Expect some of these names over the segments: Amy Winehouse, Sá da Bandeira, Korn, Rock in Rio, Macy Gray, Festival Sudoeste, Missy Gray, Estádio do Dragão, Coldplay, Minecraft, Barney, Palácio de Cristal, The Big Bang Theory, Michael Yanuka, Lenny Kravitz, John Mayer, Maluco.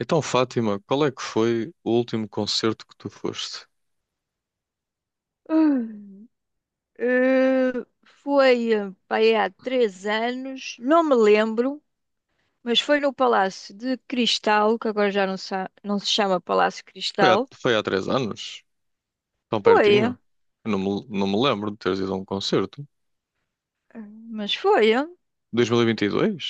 Então, Fátima, qual é que foi o último concerto que tu foste? Eh, foi pai, há três anos, não me lembro, mas foi no Palácio de Cristal, que agora já não, não se chama Palácio Foi há, Cristal. foi há 3 anos? Tão Foi, eh, pertinho? Eu não me lembro de teres ido a um concerto. mas foi, eh, 2022?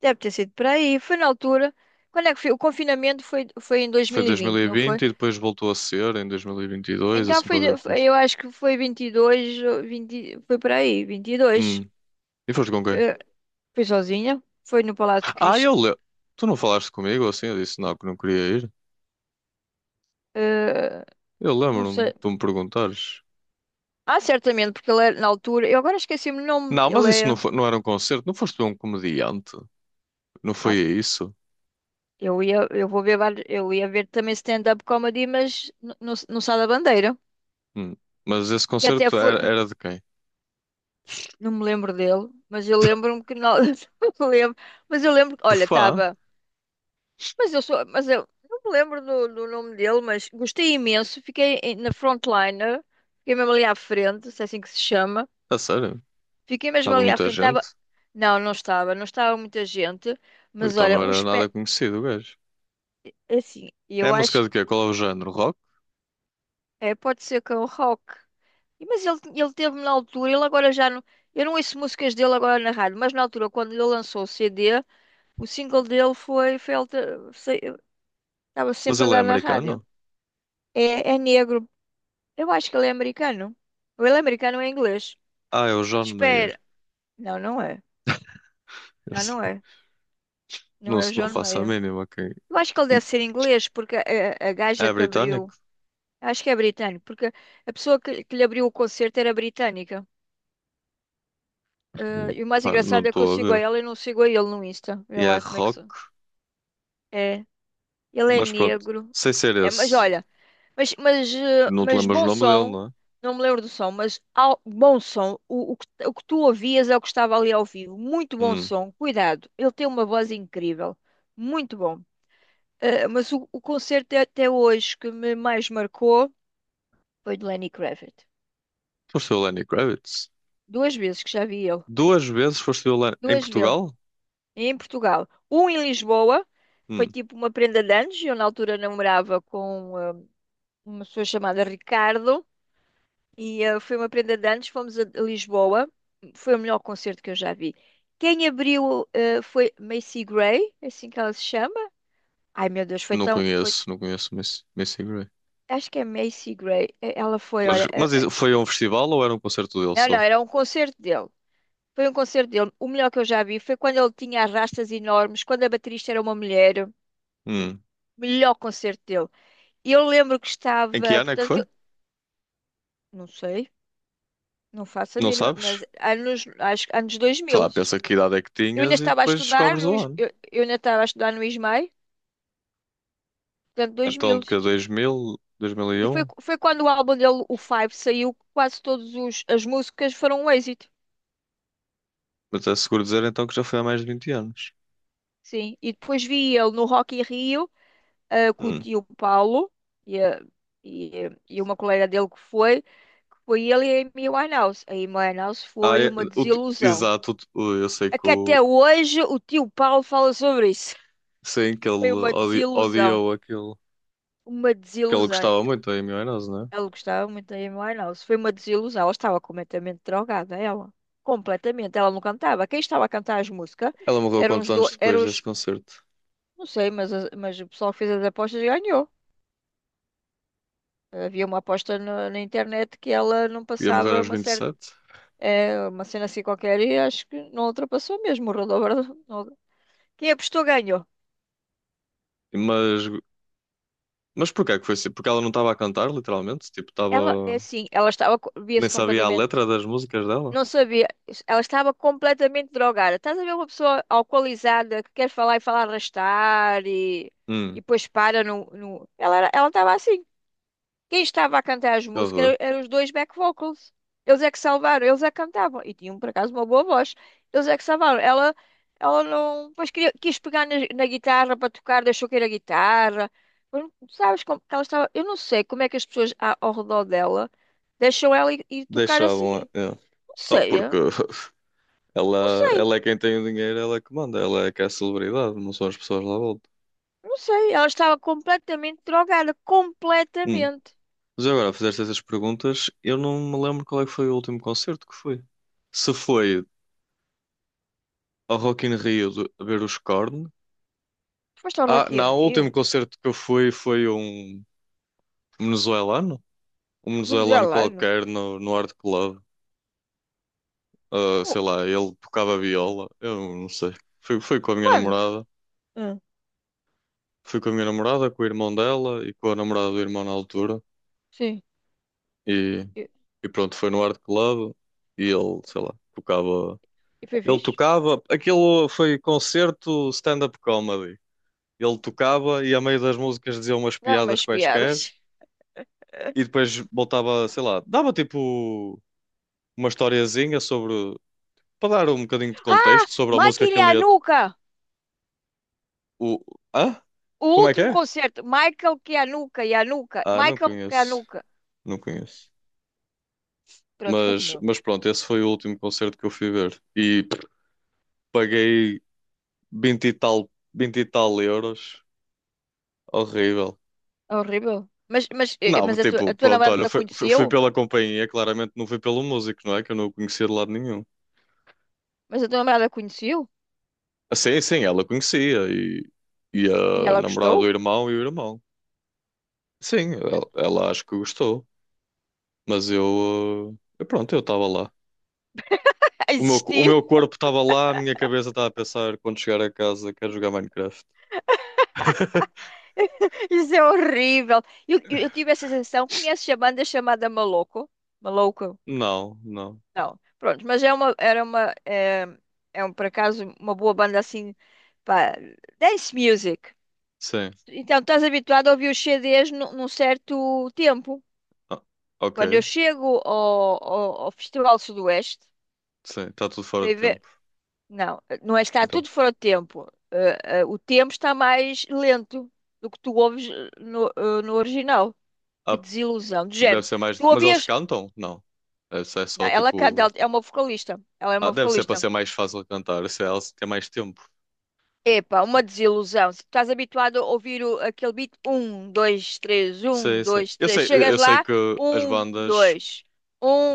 deve ter sido por aí. Foi na altura. Quando é que foi? O confinamento foi em Foi 2020, não 2020 e vinte foi? e depois voltou a ser em 2022, Então assim qualquer coisa. eu acho que foi 22, ou 20, foi por aí, 22. Hum. E foste com quem? Eh, foi sozinha, foi no Palácio de Ah, eu Cristal. lembro. Tu não falaste comigo assim? Eu disse não, que não queria ir. Eu Não lembro-me de sei. tu me perguntares. Ah, certamente, porque ele era, na altura, eu agora esqueci-me o nome, Não, mas isso não, foi, não era um concerto. Não foste um comediante? Não foi ah, isso? eu ia, eu vou ver, eu ia ver também stand-up comedy, mas no Sá da Bandeira, Hum. Mas esse que até concerto foi, era de quem? não me lembro dele, mas eu lembro-me que não, não me lembro, mas eu lembro, olha, Fá? estava, mas eu sou, mas eu não me lembro do nome dele, mas gostei imenso, na frontliner, fiquei mesmo ali à frente, se é assim que se chama, A sério? fiquei mesmo Estava ali à muita frente, estava, gente? Não estava, não estava muita gente, O mas Então não olha, um era nada espé. conhecido, o gajo. Assim, É eu música acho de quê? Qual é o género? Rock? é, pode ser com o rock. Mas ele teve na altura, ele agora já não. Eu não ouço músicas dele agora na rádio, mas na altura, quando ele lançou o CD, o single dele foi. Foi alter- se- estava Mas sempre a ele é dar na rádio. americano? É, é negro. Eu acho que ele é americano. Ou ele é americano ou é inglês? Ah, é o John Espera. Mayer. Não é. Eu Não sei. é. Não Não, é o não John faço a Mayer. mínima. Quem. Eu acho que ele deve ser inglês, porque a gaja É que britânico? abriu. Acho que é britânico, porque a pessoa que lhe abriu o concerto era britânica. Ah, e o mais Pá, não engraçado é que eu estou a sigo a ver. ela e não sigo a ele no Insta. Vê E é lá como é que rock? sou. É, ele é Mas pronto, negro. sem ser É, mas esse. olha, Não te mas lembras o bom nome dele, som, não é? não me lembro do som, mas ao, bom som, o que tu ouvias é o que estava ali ao vivo. Muito bom Hum. som, cuidado, ele tem uma voz incrível, muito bom. Mas o concerto é até hoje que me mais marcou, foi de Lenny Kravitz. Foste ver o Lenny Kravitz? Duas vezes que já vi ele, Duas vezes foste ver o Lenny, em duas vezes, Portugal? em Portugal. Um em Lisboa, foi Hum. tipo uma prenda de anos. Eu na altura namorava com uma pessoa chamada Ricardo e foi uma prenda de anos. Fomos a Lisboa, foi o melhor concerto que eu já vi. Quem abriu foi Macy Gray, é assim que ela se chama. Ai meu Deus, foi Não tão. Foi... conheço, não conheço Miss, Missy Gray. Acho que é Macy Gray. Ela foi, Mas, olha. eh, mas eh, isso foi a um festival ou era um concerto dele Não, só? era um concerto dele. Foi um concerto dele. O melhor que eu já vi foi quando ele tinha as rastas enormes, quando a baterista era uma mulher. Hum. Melhor concerto dele. E eu lembro que Em que estava, ano é que portanto, foi? Não sei, não faço a Não mínima, mas sabes? anos, acho, que anos Sei 2000. lá, pensa que idade é que Eu ainda tinhas e estava a depois estudar descobres no, o Is- ano. eu, eu ainda estava a estudar no Ismael, portanto, Então, 2000. de que é 2000, dois mil e E foi, um foi quando o álbum dele, o Five, saiu, que quase todas as músicas foram um êxito. Mas é seguro dizer então que já foi há mais de 20 anos. Sim, e depois vi ele no Rock in Rio, com o Hum. tio Paulo e, a- e, e uma colega dele que foi ele e a Amy Winehouse. A Amy Winehouse Ah, foi é, uma desilusão. exato, eu sei É que que o, até hoje o tio Paulo fala sobre isso. sei que Foi ele uma desilusão. odiou aquilo Uma que ele desilusão. gostava muito, a Amy Winehouse, não é? Ela gostava muito da Amy Winehouse. Foi uma desilusão. Ela estava completamente drogada, ela. Completamente. Ela não cantava. Quem estava a cantar as músicas Ela morreu eram quantos os... anos Do... depois eram desse os- concerto? não sei, mas, mas o pessoal que fez as apostas ganhou. Havia uma aposta na internet que ela não Ia morrer passava aos uma vinte e certa... sete é, uma cena assim qualquer e acho que não ultrapassou mesmo. Rodou, rodou. Quem apostou ganhou. Mas, mas porquê é que foi assim? Porque ela não estava a cantar, literalmente? Tipo, Ela, é estava. assim, Nem via-se sabia a completamente letra das músicas dela? não sabia. Ela estava completamente drogada. Estás a ver uma pessoa alcoolizada que quer falar e fala arrastar e Hum, depois para no... ela estava assim. Quem estava a cantar as que músicas horror. eram os dois back vocals. Eles é que salvaram, eles é que cantavam. E tinham, por acaso, uma boa voz. Eles é que salvaram. Ela não... Depois queria, quis pegar na guitarra para tocar, deixou cair a guitarra. Sabes como que ela estava... Eu não sei como é que as pessoas ao redor dela deixam ela ir tocar Deixavam. assim. Não Ah, sei. porque É. Não ela, sei, ela é quem tem o dinheiro, ela é que manda, ela é que é a celebridade, não são as pessoas lá à volta. não sei. Ela estava completamente drogada, Hum. completamente. Mas agora, fizeste essas perguntas, eu não me lembro qual é que foi o último concerto que foi. Se foi ao Rock in Rio a ver os Korn. Foste ao Ah, Rock in não, o Rio? último concerto que eu fui foi venezuelano, um venezuelano Venezuelano? qualquer no Art Club. Ah, Co- sei lá, ele tocava viola, eu não sei. Fui com a minha Quando? namorada, Ah, com o irmão dela e com a namorada do irmão na altura. sim. E, E pronto, foi no Art Club e ele, sei lá, tocava. e foi Ele fixe? tocava. Aquilo foi concerto stand-up comedy. Ele tocava e a meio das músicas dizia umas Não, piadas umas quaisquer piadas. e depois voltava, sei lá, dava tipo uma historiazinha sobre. Para dar um bocadinho de Ah! contexto sobre a música Michael que ele ia. Yanuka! O... Ah? O Como é que último é? concerto. Michael Kianuka, Yanuka. Ah, não Michael conheço. Kianuka. Não conheço. Pronto, Mas, continua. mas pronto, esse foi o último concerto que eu fui ver. E paguei 20 e tal, 20 e tal euros. Horrível. É horrível. Não, Mas tipo, a tua pronto, olha, namorada foi, conheceu? fui pela companhia, claramente não fui pelo músico, não é? Que eu não o conhecia de lado nenhum. Mas a tua namorada conheceu? Ah, sim, sim, ela conhecia e E a ela namorada do gostou? irmão e o irmão. Sim, ela acho que gostou, mas eu, eu, pronto, eu estava lá. O meu, o Existiu? meu corpo estava lá, a minha cabeça estava a pensar quando chegar a casa, quero jogar Minecraft. Isso é horrível. Eu tive essa sensação. Conheces a banda chamada Maluco? Maluco? Não, não. Não. Pronto, mas é é um, por acaso, uma boa banda assim, pá, dance music. Sim. Então, estás habituado a ouvir os CDs num certo tempo. Ah, Quando eu ok. chego ao Festival Sudoeste, Sim, está tudo fora de vai ver, tempo. não, não é que está Então. tudo fora de tempo. O tempo está mais lento do que tu ouves no original. Que ah, desilusão. De Porque deve género, ser mais. tu Mas eles ouvias. cantam? Não. Deve ser Não, só ela canta, ela tipo. é uma vocalista. Ela é Ah, uma deve ser para vocalista. ser mais fácil cantar. Se elas têm mais tempo. Epá, uma desilusão. Se tu estás habituado a ouvir aquele beat, um, dois, três, um, Sei, sei. dois, Eu três. sei, eu Chegas eu sei lá, que as um, bandas, dois,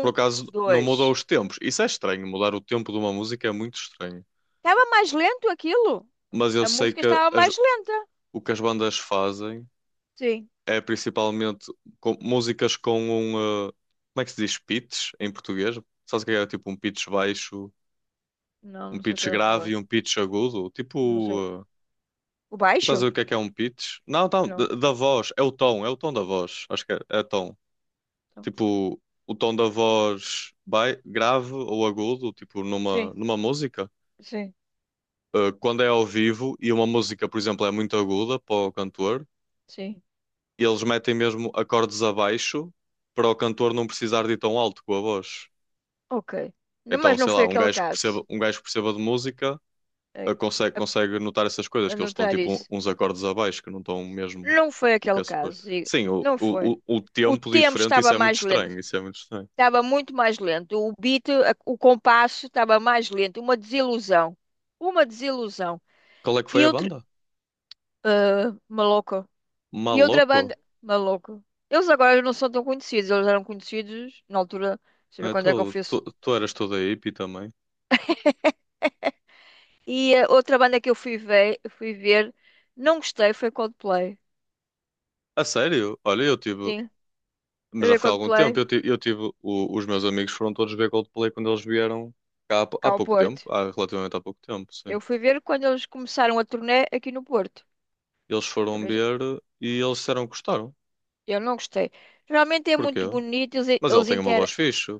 por acaso, não mudam dois. os tempos. Isso é estranho. Mudar o tempo de uma música é muito estranho. Estava mais lento aquilo. Mas eu A sei música que estava as- mais lenta. o que as bandas fazem Sim. é principalmente músicas com um. Como é que se diz? Pitch em português? Sabes o que é? Tipo um pitch baixo, Não, um não sei o que pitch estava a grave e falar. um pitch agudo. Não sei. Tipo. O Estás a baixo? ver o que é um pitch? Não, não, da, Não. da voz, é o tom da voz, acho que é, é tom. Então, Tipo, o tom da voz grave ou agudo, tipo, numa, sim, numa música. sim, Quando é ao vivo e uma música, por exemplo, é muito aguda para o cantor, sim. eles metem mesmo acordes abaixo para o cantor não precisar de ir tão alto com a voz. Ok. Não, Então, mas não sei foi lá, um aquele gajo que caso. perceba, um gajo que perceba de música, É, consegue, a- consegue notar essas coisas, que eles estão Anotar tipo isso. Uns acordes abaixo, que não estão mesmo Não foi o que aquele é caso, suposto. digo. Sim, Não foi. O O tempo tempo diferente, estava isso é muito mais lento, estranho, isso é muito estranho. estava muito mais lento. O compasso estava mais lento. Uma desilusão, uma desilusão. Qual é que foi E a outro, banda? Maluco. E outra Maloco? banda, maluco. Eles agora não são tão conhecidos, eles eram conhecidos na altura, deixa eu ver É, quando é que eu fui. Esse- tu eras toda hippie também. E a outra banda que eu fui ver, não gostei, foi Coldplay. A sério? Olha, eu tive, Sim, fui mas já ver foi há algum tempo, Coldplay os meus amigos foram todos ver Coldplay quando eles vieram cá cá há ao pouco Porto. tempo, há relativamente há pouco tempo, sim. Eu fui ver quando eles começaram a turnê aqui no Porto. Eles foram Também já ver e eles disseram que gostaram. eu não gostei. Realmente é Porquê? muito bonito, eles, Mas ele eles tem uma inter... voz fixe.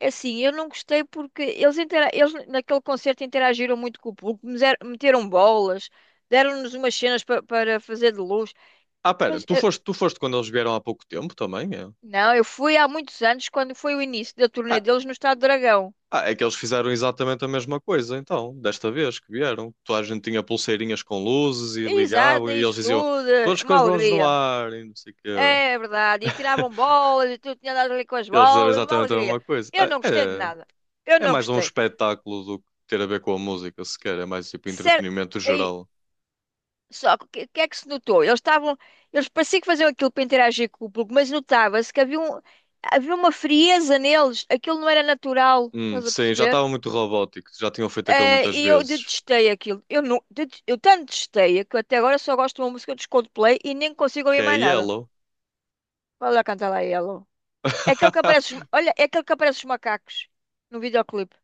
Assim, eu não gostei porque eles, intera... eles naquele concerto interagiram muito com o público, meteram bolas, deram-nos umas cenas para fazer de luz. Ah, pera, Mas, tu eh, foste, tu foste quando eles vieram há pouco tempo também? É? não, eu fui há muitos anos, quando foi o início da turnê Ah, deles no Estado do Dragão. ah, é que eles fizeram exatamente a mesma coisa, então, desta vez que vieram. Toda a gente tinha pulseirinhas com luzes e Exato, ligavam é e eles isso diziam tudo, é todos com uma os bronzes no alegria. ar e não sei o quê. É verdade, e tiravam bolas, e tu tinha andado ali com as Eles fizeram bolas, é uma exatamente a alegria. mesma coisa. Eu Ah, não gostei de nada. Eu é, é não mais um gostei. espetáculo do que ter a ver com a música, sequer. É mais tipo Sério. entretenimento geral. Só que o que, que é que se notou? Eles estavam, eles pareciam que faziam aquilo para interagir com o público, mas notava-se que havia uma frieza neles, aquilo não era natural, estás a Sim, já perceber? estava muito robótico, já tinham feito aquilo muitas E eu vezes. detestei aquilo. Eu, não, det- Eu tanto detestei que eu até agora só gosto de uma música dos Coldplay e nem consigo Que ouvir é mais nada. Yellow. Olha lá, canta lá Yellow. É aquele que aparece, olha, é aquele que aparece os macacos no videoclipe.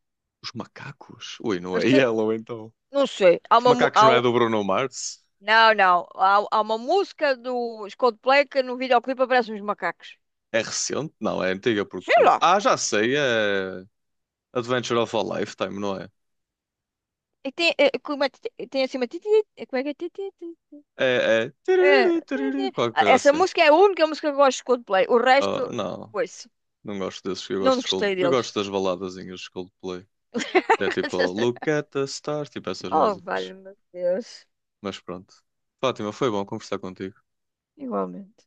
Os macacos? Ui, não Eu é têm- Yellow então. não sei, há Os uma, mu- Macacos há não é um- do Bruno Mars? não, não, há uma música dos Coldplay que no videoclipe aparecem os macacos. É recente? Não, é antiga Sei porque. lá. Ah, já sei, é Adventure of a Lifetime, não é? E tem, como é, tem assim uma. Como é que é? Ti- ti- ti- É, é. É, Tiriri, ti- ti. tiriri, qualquer Ah, coisa essa assim. música é a única música que eu gosto de Coldplay. O Oh, resto, não, foi-se. não gosto desses. Eu Não gosto, dos Cold... gostei eu deles. gosto das baladazinhas de Coldplay. Que é tipo Look at the Stars, tipo essas Oh, músicas. valha-me Deus. Mas pronto. Fátima, foi bom conversar contigo. Igualmente.